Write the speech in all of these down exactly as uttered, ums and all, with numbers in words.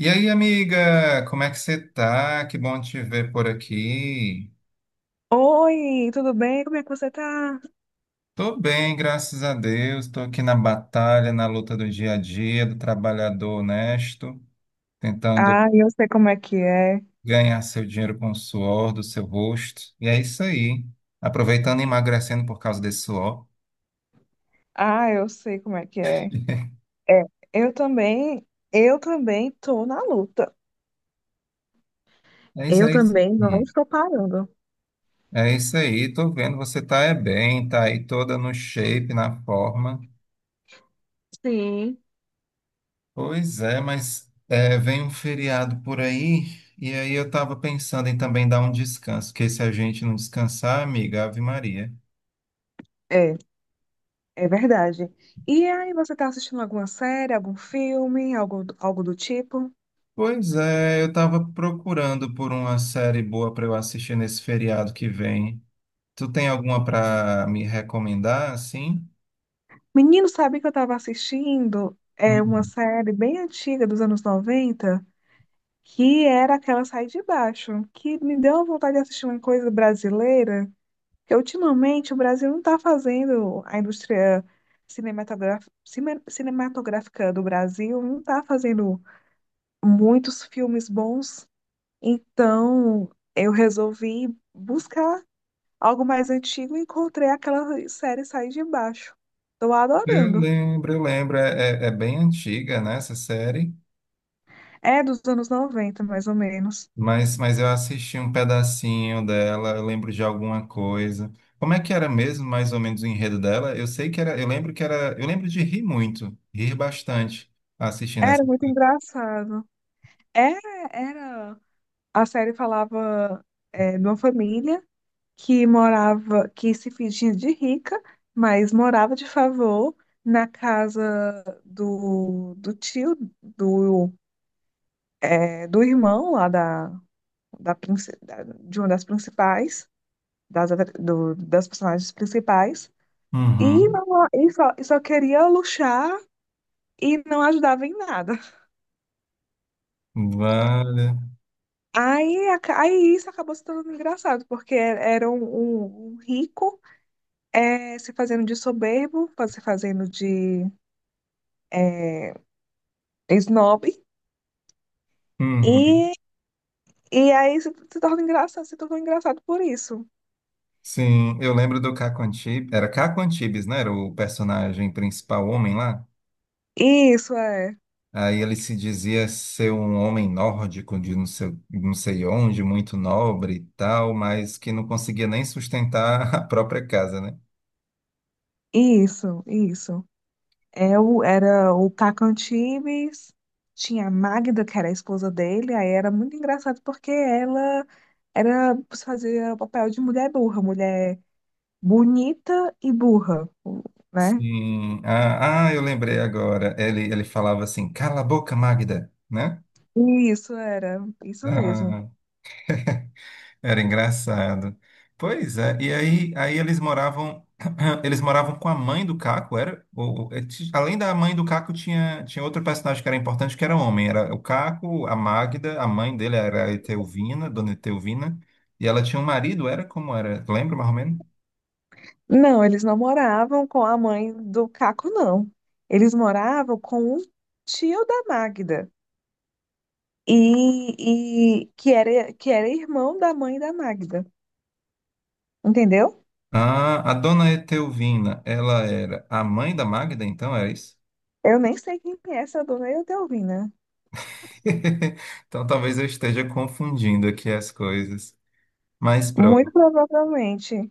E aí, amiga, como é que você tá? Que bom te ver por aqui. Oi, tudo bem? Como é que você tá? Tô bem, graças a Deus. Tô aqui na batalha, na luta do dia a dia, do trabalhador honesto, tentando Ah, eu sei como é que é. ganhar seu dinheiro com o suor do seu rosto. E é isso aí. Aproveitando e emagrecendo por causa desse suor. Ah, eu sei como é que é. É, eu também, eu também tô na luta. É isso Eu aí. também não Hum. estou parando. É isso aí. Tô vendo, você tá é bem, tá aí toda no shape, na forma. Sim. Pois é, mas é, vem um feriado por aí, e aí eu tava pensando em também dar um descanso, porque se a gente não descansar, amiga, Ave Maria. É, é verdade. E aí, você tá assistindo alguma série, algum filme, algo, algo do tipo? Pois é, eu tava procurando por uma série boa para eu assistir nesse feriado que vem. Tu tem alguma para me recomendar, assim? Menino, sabe que eu tava assistindo é uma Uhum. série bem antiga dos anos noventa, que era aquela Sai de Baixo, que me deu vontade de assistir uma coisa brasileira. Porque ultimamente o Brasil não está fazendo a indústria cinematográfica, cinematográfica do Brasil não está fazendo muitos filmes bons. Então eu resolvi buscar algo mais antigo, e encontrei aquela série Sai de Baixo. Estou Eu adorando. lembro, eu lembro, é, é é bem antiga, né, essa série. É dos anos noventa, mais ou menos. Mas, mas eu assisti um pedacinho dela, eu lembro de alguma coisa. Como é que era mesmo, mais ou menos, o enredo dela? Eu sei que era, eu lembro que era, eu lembro de rir muito, rir bastante assistindo essa. Era muito engraçado. Era, era. A série falava, é, de uma família que morava, que se fingia de rica, mas morava de favor na casa do, do tio, do, é, do irmão lá da, da, princi- da- de uma das principais, das, atra- do- das personagens principais, e, Uhum. não- e só, e só queria luxar e não ajudava em nada. Vale. Aí, aca- aí isso acabou se tornando engraçado, porque era um, um- um rico, é, se fazendo de soberbo, fa- se fazendo de é, snob. Uhum. E, e aí se, se torna engraçado, se tornou engraçado por isso. Sim, eu lembro do Caco Antibes, era Caco Antibes, né? Era o personagem principal, o homem lá. Isso, é. Aí ele se dizia ser um homem nórdico de não sei, não sei onde, muito nobre e tal, mas que não conseguia nem sustentar a própria casa, né? Isso, isso. É o, era o Tacan Tibes. Tinha a Magda, que era a esposa dele. Aí era muito engraçado porque ela era fazia o papel de mulher burra, mulher bonita e burra, né? Sim. Ah, ah, eu lembrei agora. Ele, ele falava assim, cala a boca, Magda, né? Isso era, isso mesmo. Ah, era engraçado. Pois é, e aí, aí eles moravam, eles moravam com a mãe do Caco, era? Ou, ou- eh, ti- além da mãe do Caco, tinha, tinha outro personagem que era importante, que era homem. Era o Caco, a Magda, a mãe dele era a Etelvina, dona Etelvina, e ela tinha um marido, era como era? Lembra mais ou menos? Não, eles não moravam com a mãe do Caco, não. Eles moravam com o tio da Magda. E, e que era, que era irmão da mãe da Magda. Entendeu? Ah, a dona Etelvina, ela era a mãe da Magda, então, era isso? Eu nem sei quem é essa dona Eudalvina. Então talvez eu esteja confundindo aqui as coisas. Mas Muito pronto. provavelmente.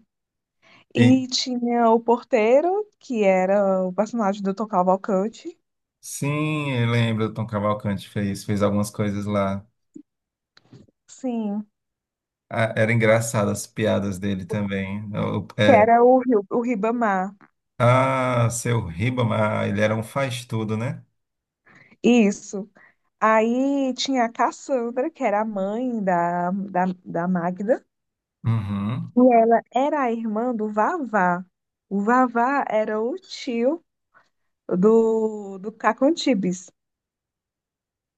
E- E tinha o porteiro, que era o personagem do Tom Cavalcante. sim, eu lembro, o Tom Cavalcante fez, fez algumas coisas lá. Sim. Ah, era engraçado as piadas dele também. O- Que é, era o, Ri- o Ribamar. ah, seu Ribamar, ele era um faz-tudo, né? Isso. Aí tinha a Cassandra, que era a mãe da, da, da Magda. Uhum. E ela era a irmã do Vavá. O Vavá era o tio do, do Cacantibis.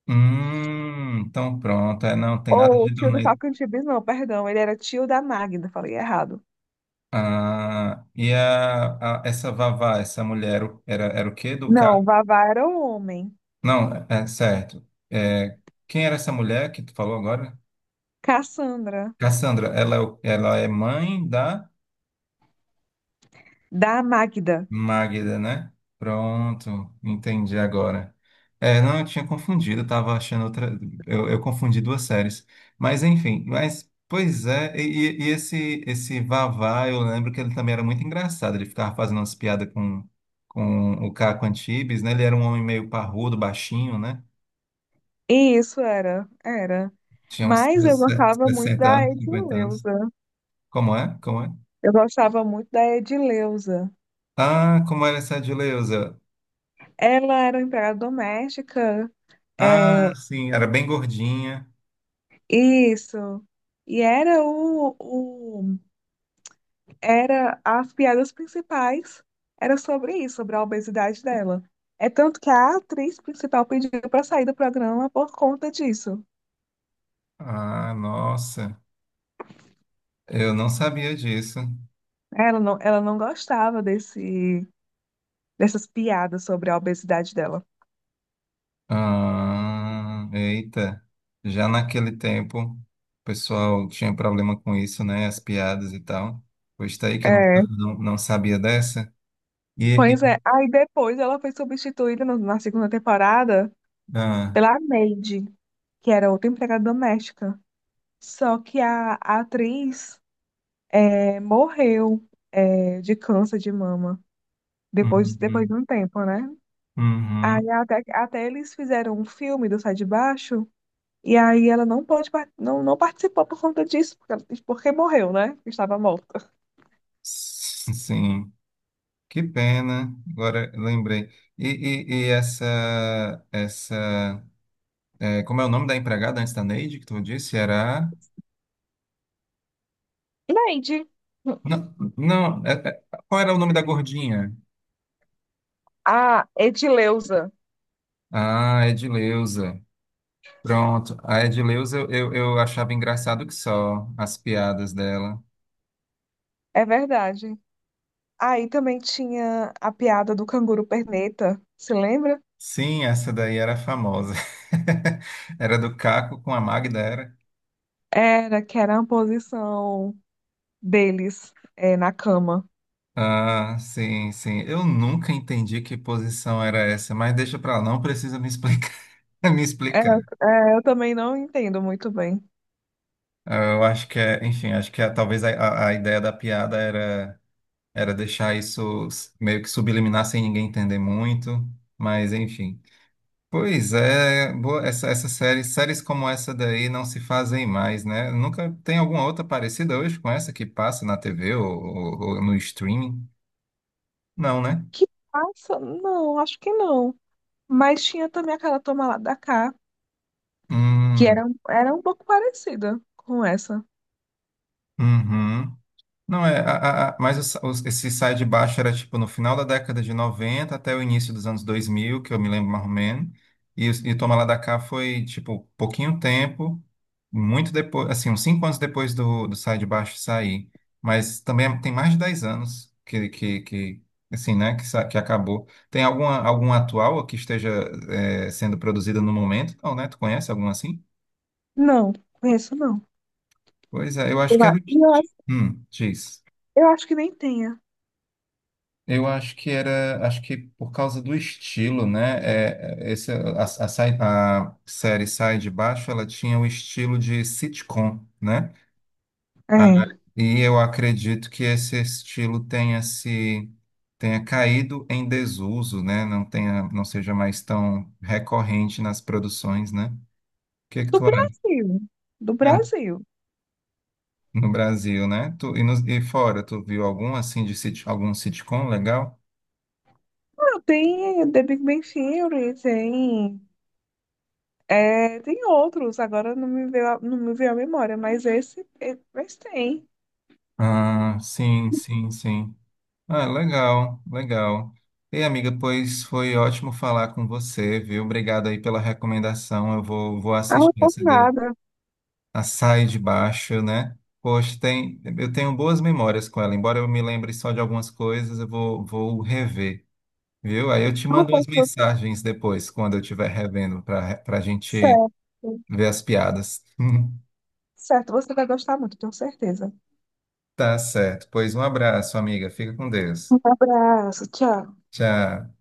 Hum, então pronto. É, não, tem Ou nada o de tio do dona... E- Cacantibis, não, perdão. Ele era tio da Magda, falei errado. Ah, e a, a- essa Vavá, essa mulher, o- era, era o quê? Do Não, carro? o Vavá era o homem. Não, é é certo. É, quem era essa mulher que tu falou agora? Cassandra, Cassandra, ela, é o- ela é mãe da da Magda. Magda, né? Pronto, entendi agora. É, não, eu tinha confundido, eu tava achando outra. Eu, eu confundi duas séries. Mas enfim, mas pois é, e, e- e esse, esse Vavá, eu lembro que ele também era muito engraçado, ele ficava fazendo umas piadas com, com o Caco Antibes, né? Ele era um homem meio parrudo, baixinho, né? Isso era, era. Tinha uns Mas eu gostava muito sessenta da anos, cinquenta anos. Edileuza. Como é? Como é? Eu gostava muito da Edileuza. Ah, como era essa de Leusa? Ela era uma empregada doméstica. Ah, É, sim, era bem gordinha. isso. E era o, o era as piadas principais era sobre isso, sobre a obesidade dela. É tanto que a atriz principal pediu para sair do programa por conta disso. Ah, nossa, eu não sabia disso. Ela não, ela não gostava desse, dessas piadas sobre a obesidade dela. Ah, eita, já naquele tempo o pessoal tinha problema com isso, né? As piadas e tal. Pois tá aí que eu não, É, não, não sabia dessa. E, pois é. e- Aí depois ela foi substituída no- na segunda temporada ah, pela Neide, que era outra empregada doméstica. Só que a, a atriz é, morreu, é, de câncer de mama, depois, depois de uhum, um tempo, né? uhum, Aí até, até eles fizeram um filme do Sai de Baixo, e aí ela não pode, par- não, não participou por conta disso, porque, ela- porque morreu, né? Estava morta. s- sim, que pena. Agora lembrei. E, e, e essa, essa, é, como é o nome da empregada antes da Neide que tu disse? Era? Neide. Não, não, é- é- qual era o nome da gordinha? A Edileuza. Ah, Edileuza. Pronto, a Edileuza eu, eu, eu achava engraçado que só as piadas dela. É verdade. Aí também tinha a piada do canguru perneta, se lembra? Sim, essa daí era famosa. Era do Caco com a Magda, era? Era, que era a posição deles, é, na cama. Ah, sim, sim. Eu nunca entendi que posição era essa, mas deixa pra lá, não precisa me explicar. Me É, explicar. é, eu também não entendo muito bem. Ah, eu acho que é, enfim, acho que é- talvez a, a a ideia da piada era. Era deixar isso meio que subliminar sem ninguém entender muito, mas enfim. Pois é, boa- essa, essa série, séries como essa daí não se fazem mais, né? Nunca tem alguma outra parecida hoje com essa que passa na T V ou, ou- ou no streaming? Não, né? Que passa? Não, acho que não. Mas tinha também aquela Toma Lá da Cá, que Hum, era, um, era um pouco parecida com essa. uhum. Não, é, a, a, a- mas os- os- esse Sai de Baixo era tipo no final da década de noventa até o início dos anos dois mil, que eu me lembro mais ou menos. E, os- e Toma Lá da Cá foi tipo pouquinho tempo, muito depois, assim, uns cinco anos depois do, do Sai de Baixo sair. Mas também tem mais de dez anos que, que, que assim, né, que, sa- que acabou. Tem alguma, alguma atual que esteja é, sendo produzida no momento? Não, né? Tu conhece alguma assim? Não, conheço não. Pois é, eu acho Eu, que a- era o. eu, acho- Hum, diz. eu acho que nem tenha. Eu acho que era, acho que por causa do estilo, né? É, é, esse, a, a sai- a série Sai de Baixo, ela tinha o estilo de sitcom, né? Ah, É. e eu acredito que esse estilo tenha se tenha caído em desuso, né? Não tenha, não seja mais tão recorrente nas produções, né? O que que Do tu acha? Brasil. Do É, Brasil. no Brasil, né? Tu, e, nos- e fora, tu viu algum assim de sit, algum sitcom legal? Ah, tem, eh, The Big Bang Theory, tem. É, tem outros, agora não me veio, a- não me veio a memória, mas esse, é- mas tem. Ah, sim, sim, sim. Ah, legal, legal. Ei, amiga, pois foi ótimo falar com você, viu? Obrigado aí pela recomendação. Eu vou, vou Ah, não assistir foi essa de nada. Açaí de Baixo, né? Poxa, tem, eu tenho boas memórias com ela, embora eu me lembre só de algumas coisas, eu vou, vou rever, viu? Aí eu te Não mando foi as se você. mensagens depois, quando eu estiver revendo, para para a gente Certo. ver as piadas. Certo, você vai gostar muito, tenho certeza. Tá certo. Pois um abraço, amiga. Fica com Deus. Um abraço, tchau. Tchau.